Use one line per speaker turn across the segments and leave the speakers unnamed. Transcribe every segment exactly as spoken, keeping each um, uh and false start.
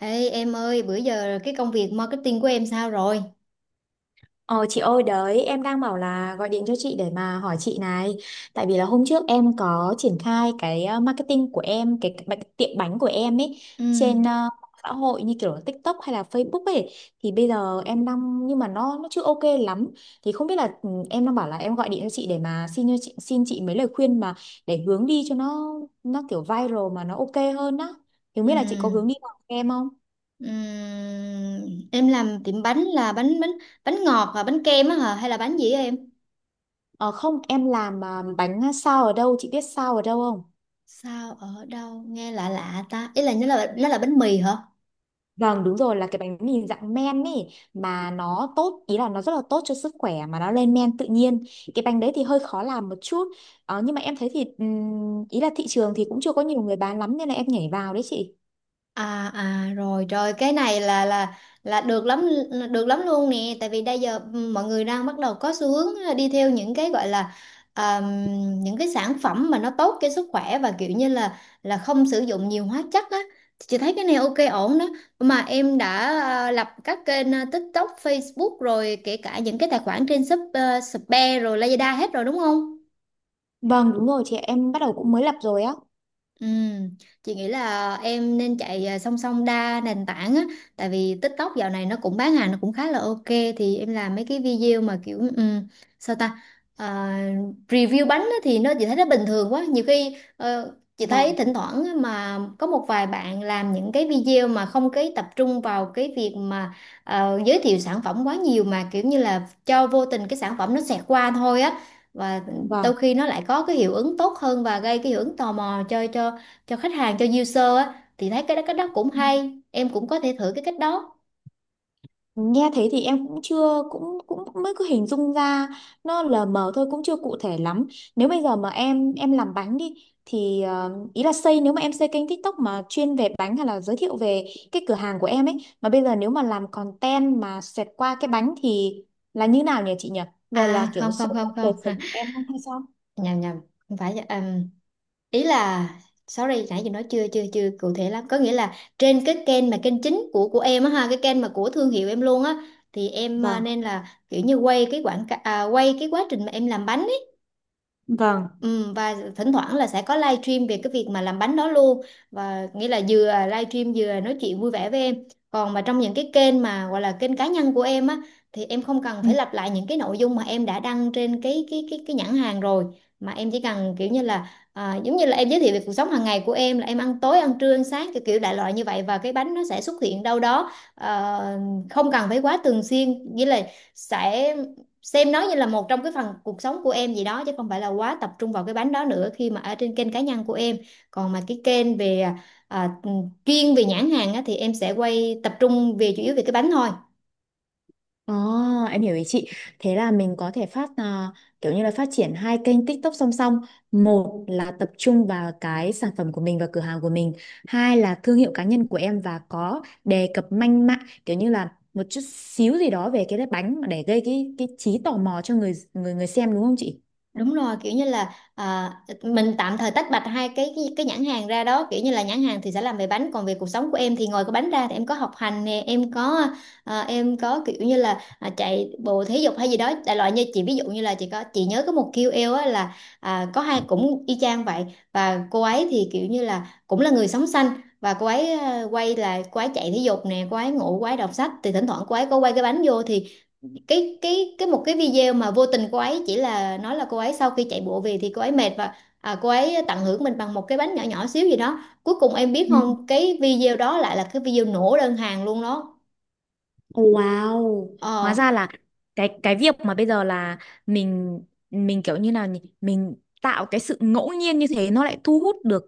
Ê em ơi, bữa giờ cái công việc marketing của em sao rồi?
Ờ chị ơi, đấy em đang bảo là gọi điện cho chị để mà hỏi chị này. Tại vì là hôm trước em có triển khai cái ờ, marketing của em, Cái cái bánh- tiệm bánh của em ấy.
Ừ,
Trên ờ, mạng xã hội như kiểu là TikTok hay là Facebook ấy. Thì bây giờ em đang, nhưng mà nó nó chưa ok lắm. Thì không biết là ừ, em đang bảo là em gọi điện cho chị để mà xin cho chị, xin chị mấy lời khuyên mà, để hướng đi cho nó nó kiểu viral mà nó ok hơn á. Thì không
ừ,
biết là chị có hướng đi nào cho em không?
ừ. Em làm tiệm bánh là bánh bánh bánh ngọt và bánh kem á hả? Hay là bánh gì á em?
Ờ Không, em làm ờ, bánh sao ở đâu, chị biết sao ở đâu không?
Sao ở đâu nghe lạ lạ ta? Ý là nó là nó là bánh mì hả?
Vâng đúng rồi, là cái bánh mì dạng men ấy, mà nó tốt, ý là nó rất là tốt cho sức khỏe, mà nó lên men tự nhiên. Cái bánh đấy thì hơi khó làm một chút, ờ, nhưng mà em thấy thì ừm, ý là thị trường thì cũng chưa có nhiều người bán lắm nên là em nhảy vào đấy chị.
À à rồi rồi cái này là là là được lắm, được lắm luôn nè. Tại vì bây giờ ừ, mọi người đang bắt đầu có xu hướng à, đi theo những cái gọi là um, những cái sản phẩm mà nó tốt cho sức khỏe và kiểu như là là không sử dụng nhiều hóa chất á. Chị thấy cái này ok ổn đó. Mà em đã à, lập các kênh à, TikTok, Facebook rồi kể cả những cái tài khoản trên Shop, uh, Shopee rồi Lazada hết rồi đúng không?
Vâng đúng rồi chị, em bắt đầu cũng mới lập rồi á.
Ừm, chị nghĩ là em nên chạy à, song song đa nền tảng á, tại vì TikTok dạo này nó cũng bán hàng nó cũng khá là ok. Thì em làm mấy cái video mà kiểu ừm, sao ta. À, review bánh á, thì nó chị thấy nó bình thường quá. Nhiều khi ờ, chị thấy
Vâng,
thỉnh thoảng á, mà có một vài bạn làm những cái video mà không cái tập trung vào cái việc mà ờ, giới thiệu sản phẩm quá nhiều mà kiểu như là cho vô tình cái sản phẩm nó xẹt qua thôi á, và
vâng.
đôi khi nó lại có cái hiệu ứng tốt hơn và gây cái hiệu ứng tò mò cho cho cho khách hàng, cho user á, thì thấy cái đó cái đó cũng hay, em cũng có thể thử cái cách đó.
Nghe thế thì em cũng chưa, cũng cũng cũng mới cứ hình dung ra, nó lờ mờ thôi, cũng chưa cụ thể lắm. Nếu bây giờ mà em em làm bánh đi, thì ờ, ý là xây nếu mà em xây kênh TikTok mà chuyên về bánh, hay là giới thiệu về cái cửa hàng của em ấy, mà bây giờ nếu mà làm content mà xẹt qua cái bánh thì là như nào nhỉ chị nhỉ?
À
Về là kiểu
không không
sâu
không
sắc đời
không
sống của em không hay sao?
nhầm nhầm, không phải um, ý là sorry nãy giờ nói chưa chưa chưa cụ thể lắm. Có nghĩa là trên cái kênh mà kênh chính của của em á ha, cái kênh mà của thương hiệu em luôn á, thì em à,
Vâng,
nên là kiểu như quay cái quảng cáo à, quay cái quá trình mà em làm bánh.
vâng.
Ừ, và thỉnh thoảng là sẽ có live stream về cái việc mà làm bánh đó luôn, và nghĩa là vừa live stream vừa nói chuyện vui vẻ với em. Còn mà trong những cái kênh mà gọi là kênh cá nhân của em á, thì em không cần phải lặp lại những cái nội dung mà em đã đăng trên cái cái cái cái nhãn hàng rồi, mà em chỉ cần kiểu như là à, giống như là em giới thiệu về cuộc sống hàng ngày của em, là em ăn tối ăn trưa ăn sáng kiểu kiểu đại loại như vậy, và cái bánh nó sẽ xuất hiện đâu đó. Ờ, không cần phải quá thường xuyên, nghĩa là sẽ xem nó như là một trong cái phần cuộc sống của em gì đó, chứ không phải là quá tập trung vào cái bánh đó nữa khi mà ở trên kênh cá nhân của em. Còn mà cái kênh về à, ừ, chuyên về nhãn hàng á, thì em sẽ quay tập trung về chủ yếu về cái bánh thôi.
Ồ, em hiểu ý chị. Thế là mình có thể phát à, kiểu như là phát triển hai kênh TikTok song song. Một là tập trung vào cái sản phẩm của mình và cửa hàng của mình. Hai là thương hiệu cá nhân của em, và có đề cập manh mạng kiểu như là một chút xíu gì đó về cái bánh để gây cái cái trí tò mò cho người người người xem, đúng không chị?
Đúng rồi, kiểu như là à, mình tạm thời tách bạch hai cái, cái cái nhãn hàng ra đó, kiểu như là nhãn hàng thì sẽ làm về bánh, còn về cuộc sống của em thì ngoài cái bánh ra thì em có học hành nè, em có à, em có kiểu như là à, chạy bộ thể dục hay gì đó đại loại. Như chị ví dụ như là chị có, chị nhớ có một ca âu eo á, là à, có hai cũng y chang vậy. Và cô ấy thì kiểu như là cũng là người sống xanh, và cô ấy à, quay là cô ấy chạy thể dục nè, cô ấy ngủ, cô ấy đọc sách, thì thỉnh thoảng cô ấy có quay cái bánh vô, thì cái cái cái một cái video mà vô tình cô ấy chỉ là nói là cô ấy sau khi chạy bộ về thì cô ấy mệt, và à, cô ấy tận hưởng mình bằng một cái bánh nhỏ nhỏ xíu gì đó, cuối cùng em biết không, cái video đó lại là cái video nổ đơn hàng luôn đó.
Wow, hóa
Ờ.
ra là cái cái việc mà bây giờ là mình mình kiểu như nào nhỉ? Mình tạo cái sự ngẫu nhiên như thế nó lại thu hút được,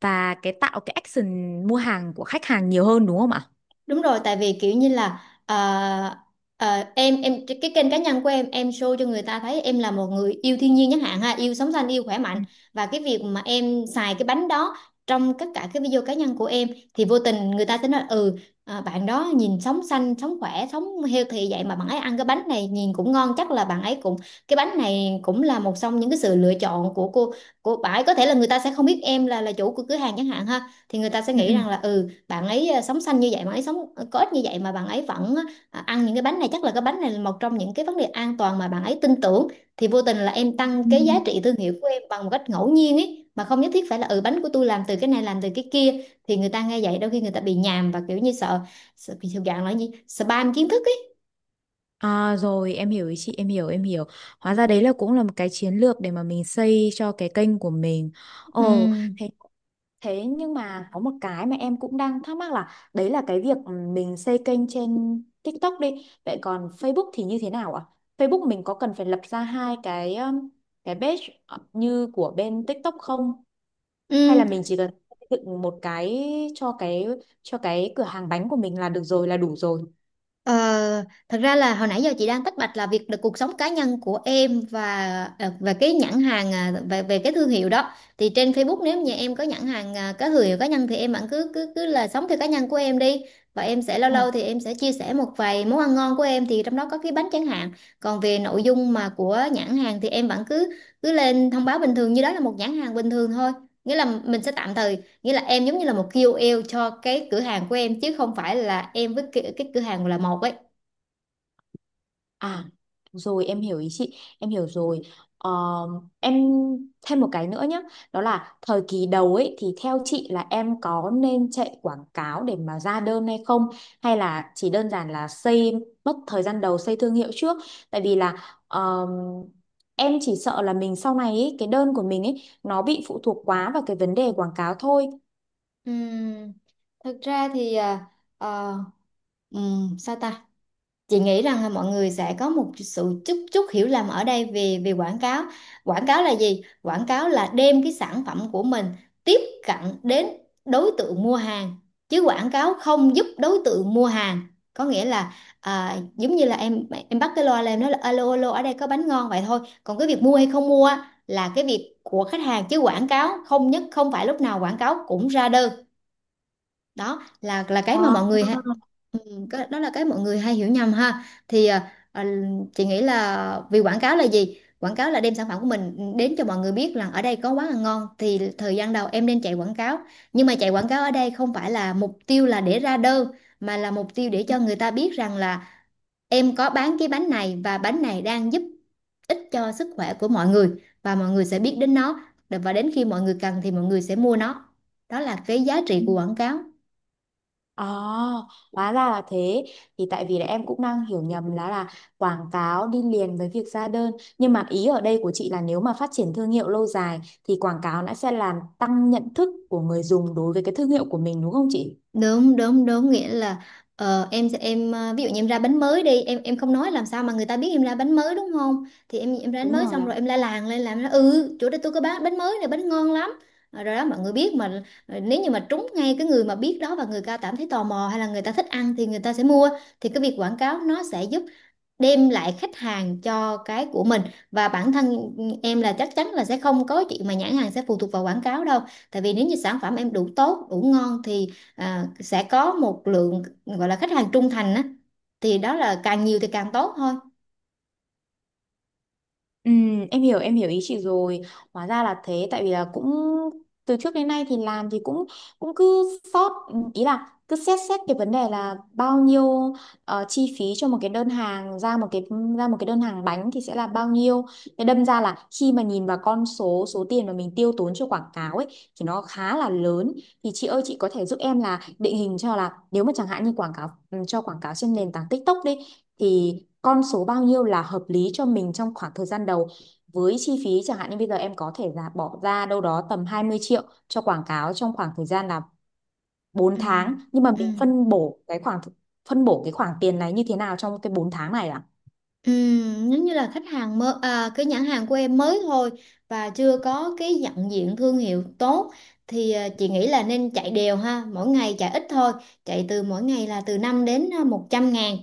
và cái tạo cái action mua hàng của khách hàng nhiều hơn đúng không ạ?
Đúng rồi, tại vì kiểu như là ờ, ờ, em em cái cái kênh cá nhân của em em show cho người ta thấy em là một người yêu thiên nhiên chẳng hạn ha, yêu sống xanh, yêu khỏe
Ừ.
mạnh. Và cái việc mà em xài cái bánh đó trong tất cả cái video cá nhân của em, thì vô tình người ta sẽ nói ừ à, bạn đó nhìn sống xanh, sống khỏe, sống healthy vậy mà bạn ấy ăn cái bánh này nhìn cũng ngon, chắc là bạn ấy cũng, cái bánh này cũng là một trong những cái sự lựa chọn của cô, của bạn ấy. Có thể là người ta sẽ không biết em là là chủ của cửa hàng chẳng hạn ha, thì người ta sẽ
Ừ.
nghĩ
Ừ.
rằng là ừ, bạn ấy ờ, sống xanh như vậy, bạn ấy sống ờ, có ích như vậy mà bạn ấy vẫn ờ, ăn những cái bánh này, chắc là cái bánh này là một trong những cái vấn đề an toàn mà bạn ấy tin tưởng. Thì vô tình là em tăng
Ừ.
cái giá trị thương hiệu của em bằng một cách ngẫu nhiên ấy, mà không nhất thiết phải là ừ bánh của tôi làm từ cái này làm từ cái kia, thì người ta nghe vậy đôi khi người ta bị nhàm, và kiểu như sợ, sợ bị thuộc dạng là gì, spam kiến thức ấy.
À, rồi em hiểu ý chị, em hiểu, em hiểu. Hóa ra đấy là cũng là một cái chiến lược để mà mình xây cho cái kênh của mình.
Ừ.
Ồ. thế Thế nhưng mà có một cái mà em cũng đang thắc mắc, là đấy là cái việc mình xây kênh trên TikTok đi, vậy còn Facebook thì như thế nào ạ? Facebook mình có cần phải lập ra hai cái um, cái page như của bên TikTok không? Hay là mình
Ừ.
chỉ cần xây dựng một cái cho cái, cho cái cửa hàng bánh của mình là được rồi, là đủ rồi?
Ờ, thật ra là hồi nãy giờ chị đang tách bạch là việc được cuộc sống cá nhân của em và ờ, và cái nhãn hàng à, về về cái thương hiệu đó. Thì trên Facebook nếu như em có nhãn hàng à, có thương hiệu cá nhân thì em vẫn cứ cứ cứ là sống theo cá nhân của em đi, và em sẽ lâu lâu thì em sẽ chia sẻ một vài món ăn ngon của em, thì trong đó có cái bánh chẳng hạn. Còn về nội dung mà của nhãn hàng thì em vẫn cứ cứ lên thông báo bình thường như đó là một nhãn hàng bình thường thôi. Nghĩa là mình sẽ tạm thời, nghĩa là em giống như là một ca âu eo cho cái cửa hàng của em, chứ không phải là em với cái, cái cửa hàng là một ấy.
À, rồi em hiểu ý chị, em hiểu rồi. Ờ, em thêm một cái nữa nhé, đó là thời kỳ đầu ấy thì theo chị là em có nên chạy quảng cáo để mà ra đơn hay không, hay là chỉ đơn giản là xây, mất thời gian đầu xây thương hiệu trước, tại vì là ờm, em chỉ sợ là mình sau này ấy, cái đơn của mình ấy nó bị phụ thuộc quá vào cái vấn đề quảng cáo thôi.
Ừm, thật ra thì à, ờ, ừm, sao ta, chị nghĩ rằng là mọi người sẽ có một sự chút chút hiểu lầm ở đây về về quảng cáo. Quảng cáo là gì? Quảng cáo là đem cái sản phẩm của mình tiếp cận đến đối tượng mua hàng, chứ quảng cáo không giúp đối tượng mua hàng. Có nghĩa là à, giống như là em em bắt cái loa lên em nói là alo alo ở đây có bánh ngon, vậy thôi. Còn cái việc mua hay không mua á, là cái việc của khách hàng, chứ quảng cáo không nhất, không phải lúc nào quảng cáo cũng ra đơn. Đó là là cái mà mọi người, cái- đó là cái mọi người hay hiểu nhầm ha. Thì à, à, chị nghĩ là vì quảng cáo là gì, quảng cáo là đem sản phẩm của mình đến cho mọi người biết rằng ở đây có quán ăn ngon, thì thời gian đầu em nên chạy quảng cáo. Nhưng mà chạy quảng cáo ở đây không phải là mục tiêu là để ra đơn, mà là mục tiêu để cho người ta biết rằng là em có bán cái bánh này và bánh này đang giúp ích cho sức khỏe của mọi người, và mọi người sẽ biết đến nó, và đến khi mọi người cần thì mọi người sẽ mua nó. Đó là cái giá
Ờ.
trị của quảng cáo.
À, hóa ra là thế. Thì tại vì là em cũng đang hiểu nhầm là là quảng cáo đi liền với việc ra đơn. Nhưng mà ý ở đây của chị là nếu mà phát triển thương hiệu lâu dài thì quảng cáo nó sẽ làm tăng nhận thức của người dùng đối với cái thương hiệu của mình đúng không chị?
Đúng đúng đúng, nghĩa là ờ, em sẽ- em ờ, ví dụ như em ra bánh mới đi, em em không nói làm sao mà người ta biết em ra bánh mới đúng không. Thì em em ra bánh
Đúng
mới
rồi
xong
ạ.
rồi em la làng lên làm nó, ừ chỗ đây tôi có bán bánh mới này, bánh ngon lắm. Ờ, rồi đó mọi người biết mà. Ờ, nếu như mà trúng ngay cái người mà biết đó và người ta cảm thấy tò mò hay là người ta thích ăn thì người ta sẽ mua. Thì cái việc quảng cáo nó sẽ giúp đem lại khách hàng cho cái của mình. Và bản thân em là chắc chắn là sẽ không có chuyện mà nhãn hàng sẽ phụ thuộc vào quảng cáo đâu, tại vì nếu như sản phẩm em đủ tốt đủ ngon thì à, sẽ có một lượng gọi là khách hàng trung thành á, thì đó là càng nhiều thì càng tốt thôi.
Ừ, em hiểu, em hiểu ý chị rồi. Hóa ra là thế, tại vì là cũng từ trước đến nay thì làm thì cũng cũng cứ sót, ý là cứ xét xét cái vấn đề là bao nhiêu ờ, chi phí cho một cái đơn hàng, ra một cái, ra một cái đơn hàng bánh thì sẽ là bao nhiêu. Thế đâm ra là khi mà nhìn vào con số, số tiền mà mình tiêu tốn cho quảng cáo ấy thì nó khá là lớn. Thì chị ơi, chị có thể giúp em là định hình cho là nếu mà chẳng hạn như quảng cáo, ừ, cho quảng cáo trên nền tảng TikTok đi, thì con số bao nhiêu là hợp lý cho mình trong khoảng thời gian đầu, với chi phí chẳng hạn như bây giờ em có thể là bỏ ra đâu đó tầm hai mươi triệu cho quảng cáo trong khoảng thời gian là bốn
Ừ.
tháng nhưng mà
Ừ.
mình phân bổ cái khoảng phân bổ cái khoản tiền này như thế nào trong cái bốn tháng này ạ?
Ừm, giống như là khách hàng mới, à, cái nhãn hàng của em mới thôi và chưa có cái nhận diện thương hiệu tốt thì à, chị nghĩ là nên chạy đều, ha, mỗi ngày chạy ít thôi, chạy từ mỗi ngày là từ năm đến à, một trăm ngàn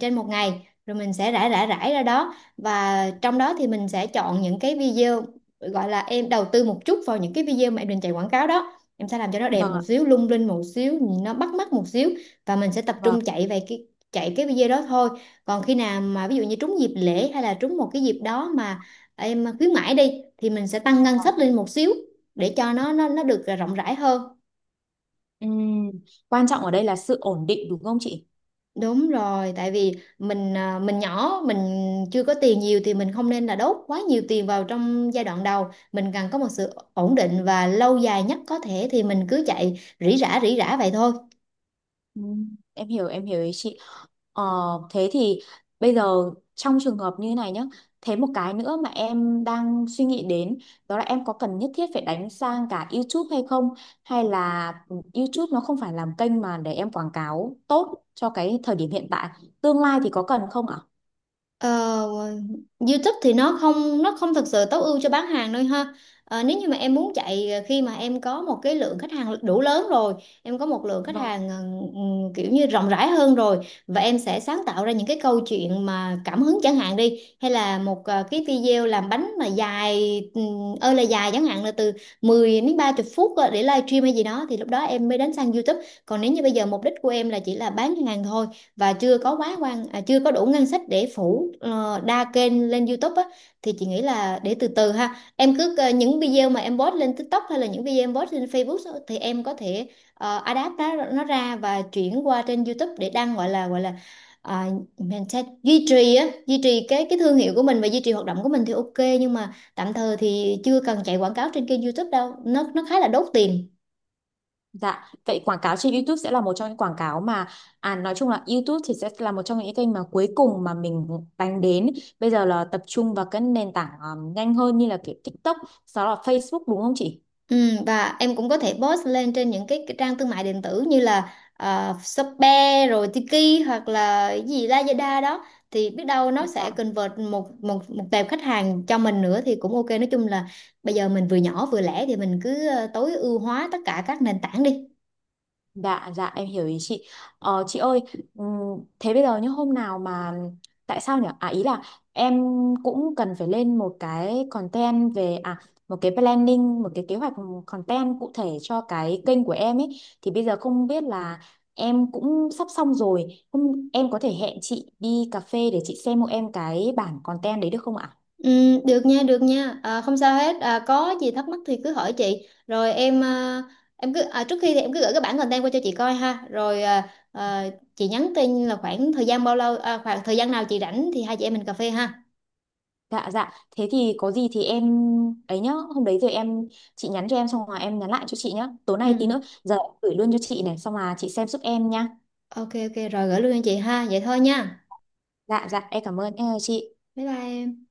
trên một ngày. Rồi mình sẽ rải rải rải ra đó, và trong đó thì mình sẽ chọn những cái video, gọi là em đầu tư một chút vào những cái video mà em định chạy quảng cáo đó, em sẽ làm cho nó đẹp
Vâng
một
ạ.
xíu, lung linh một xíu, nó bắt mắt một xíu, và mình sẽ tập trung
Vâng.
chạy về cái, chạy cái video đó thôi. Còn khi nào mà ví dụ như trúng dịp lễ hay là trúng một cái dịp đó mà em khuyến mãi đi, thì mình sẽ tăng ngân sách lên một xíu để cho nó nó nó được rộng rãi hơn.
Ừm, quan trọng ở đây là sự ổn định đúng không chị?
Đúng rồi, tại vì mình à, mình nhỏ, mình chưa có tiền nhiều thì mình không nên là đốt quá nhiều tiền vào trong giai đoạn đầu, mình cần có một sự ổn định và lâu dài nhất có thể, thì mình cứ chạy rỉ rả rỉ rả vậy thôi.
Ừ, em hiểu, em hiểu ý chị. ờ, thế thì bây giờ trong trường hợp như này nhá, thế một cái nữa mà em đang suy nghĩ đến, đó là em có cần nhất thiết phải đánh sang cả YouTube hay không, hay là ừ, YouTube nó không phải làm kênh mà để em quảng cáo tốt cho cái thời điểm hiện tại, tương lai thì có cần không ạ?
Ờ, YouTube thì nó không nó không thực sự tối ưu cho bán hàng đâu, ha. Ờ, nếu như mà em muốn chạy ờ, khi mà em có một cái lượng khách hàng đủ lớn rồi, em có một lượng khách hàng ờ, ừm, kiểu như rộng rãi hơn rồi, và em sẽ sáng tạo ra những cái câu chuyện mà cảm hứng chẳng hạn đi, hay là một ờ, cái video làm bánh mà dài, ừm, ơi là dài, chẳng hạn là từ mười đến ba mươi phút, ờ, để livestream hay gì đó, thì lúc đó em mới đến sang YouTube. Còn nếu như bây giờ mục đích của em là chỉ là bán hàng thôi và chưa có quá quan à, chưa có đủ ngân sách để phủ ờ, đa kênh lên YouTube á, thì chị nghĩ là để từ từ, ha, em cứ ờ, những video mà em post lên TikTok hay là những video em post lên Facebook á, thì em có thể uh, adapt nó, nó ra và chuyển qua trên YouTube để đăng, gọi là gọi là à, mình sẽ duy trì á, duy trì cái cái thương hiệu của mình và duy trì hoạt động của mình thì ok, nhưng mà tạm thời thì chưa cần chạy quảng cáo trên kênh YouTube đâu, nó nó khá là đốt tiền.
Dạ, vậy quảng cáo trên YouTube sẽ là một trong những quảng cáo mà, à nói chung là YouTube thì sẽ là một trong những kênh mà cuối cùng mà mình đánh đến. Bây giờ là tập trung vào các nền tảng ờ, nhanh hơn như là kiểu TikTok, sau đó là Facebook, đúng không chị?
Ừ, và em cũng có thể post lên trên những cái, cái trang thương mại điện tử như là ờ, Shopee rồi Tiki hoặc là cái gì Lazada đó, thì biết đâu nó sẽ
Dạ.
convert một một một tệp khách hàng cho mình nữa thì cũng ok. Nói chung là bây giờ mình vừa nhỏ vừa lẻ thì mình cứ ờ, tối ưu hóa tất cả các nền tảng đi.
Dạ, dạ em hiểu ý chị. Ờ, chị ơi, ừm, thế bây giờ như hôm nào mà, tại sao nhỉ? À ý là em cũng cần phải lên một cái content về à một cái planning, một cái kế hoạch content cụ thể cho cái kênh của em ấy. Thì bây giờ không biết là em cũng sắp xong rồi, không em có thể hẹn chị đi cà phê để chị xem hộ em cái bản content đấy được không ạ?
Ừ, được nha, được nha. À, không sao hết. À, có gì thắc mắc thì cứ hỏi chị. Rồi em, à, em cứ, à, trước khi thì em cứ gửi cái bản content qua cho chị coi, ha. Rồi, à, à, chị nhắn tin là khoảng thời gian bao lâu à, khoảng thời gian nào chị rảnh thì hai chị em mình cà phê, ha.
Dạ dạ, thế thì có gì thì em ấy nhá, hôm đấy rồi em, chị nhắn cho em xong rồi em nhắn lại cho chị nhá. Tối
Ừ.
nay
Ừ.
tí nữa giờ em gửi luôn cho chị này, xong là chị xem giúp em nhá.
Ok ok, rồi gửi luôn cho chị, ha. Vậy thôi nha.
Dạ dạ, em cảm ơn, em chào chị.
Bye bye. Em.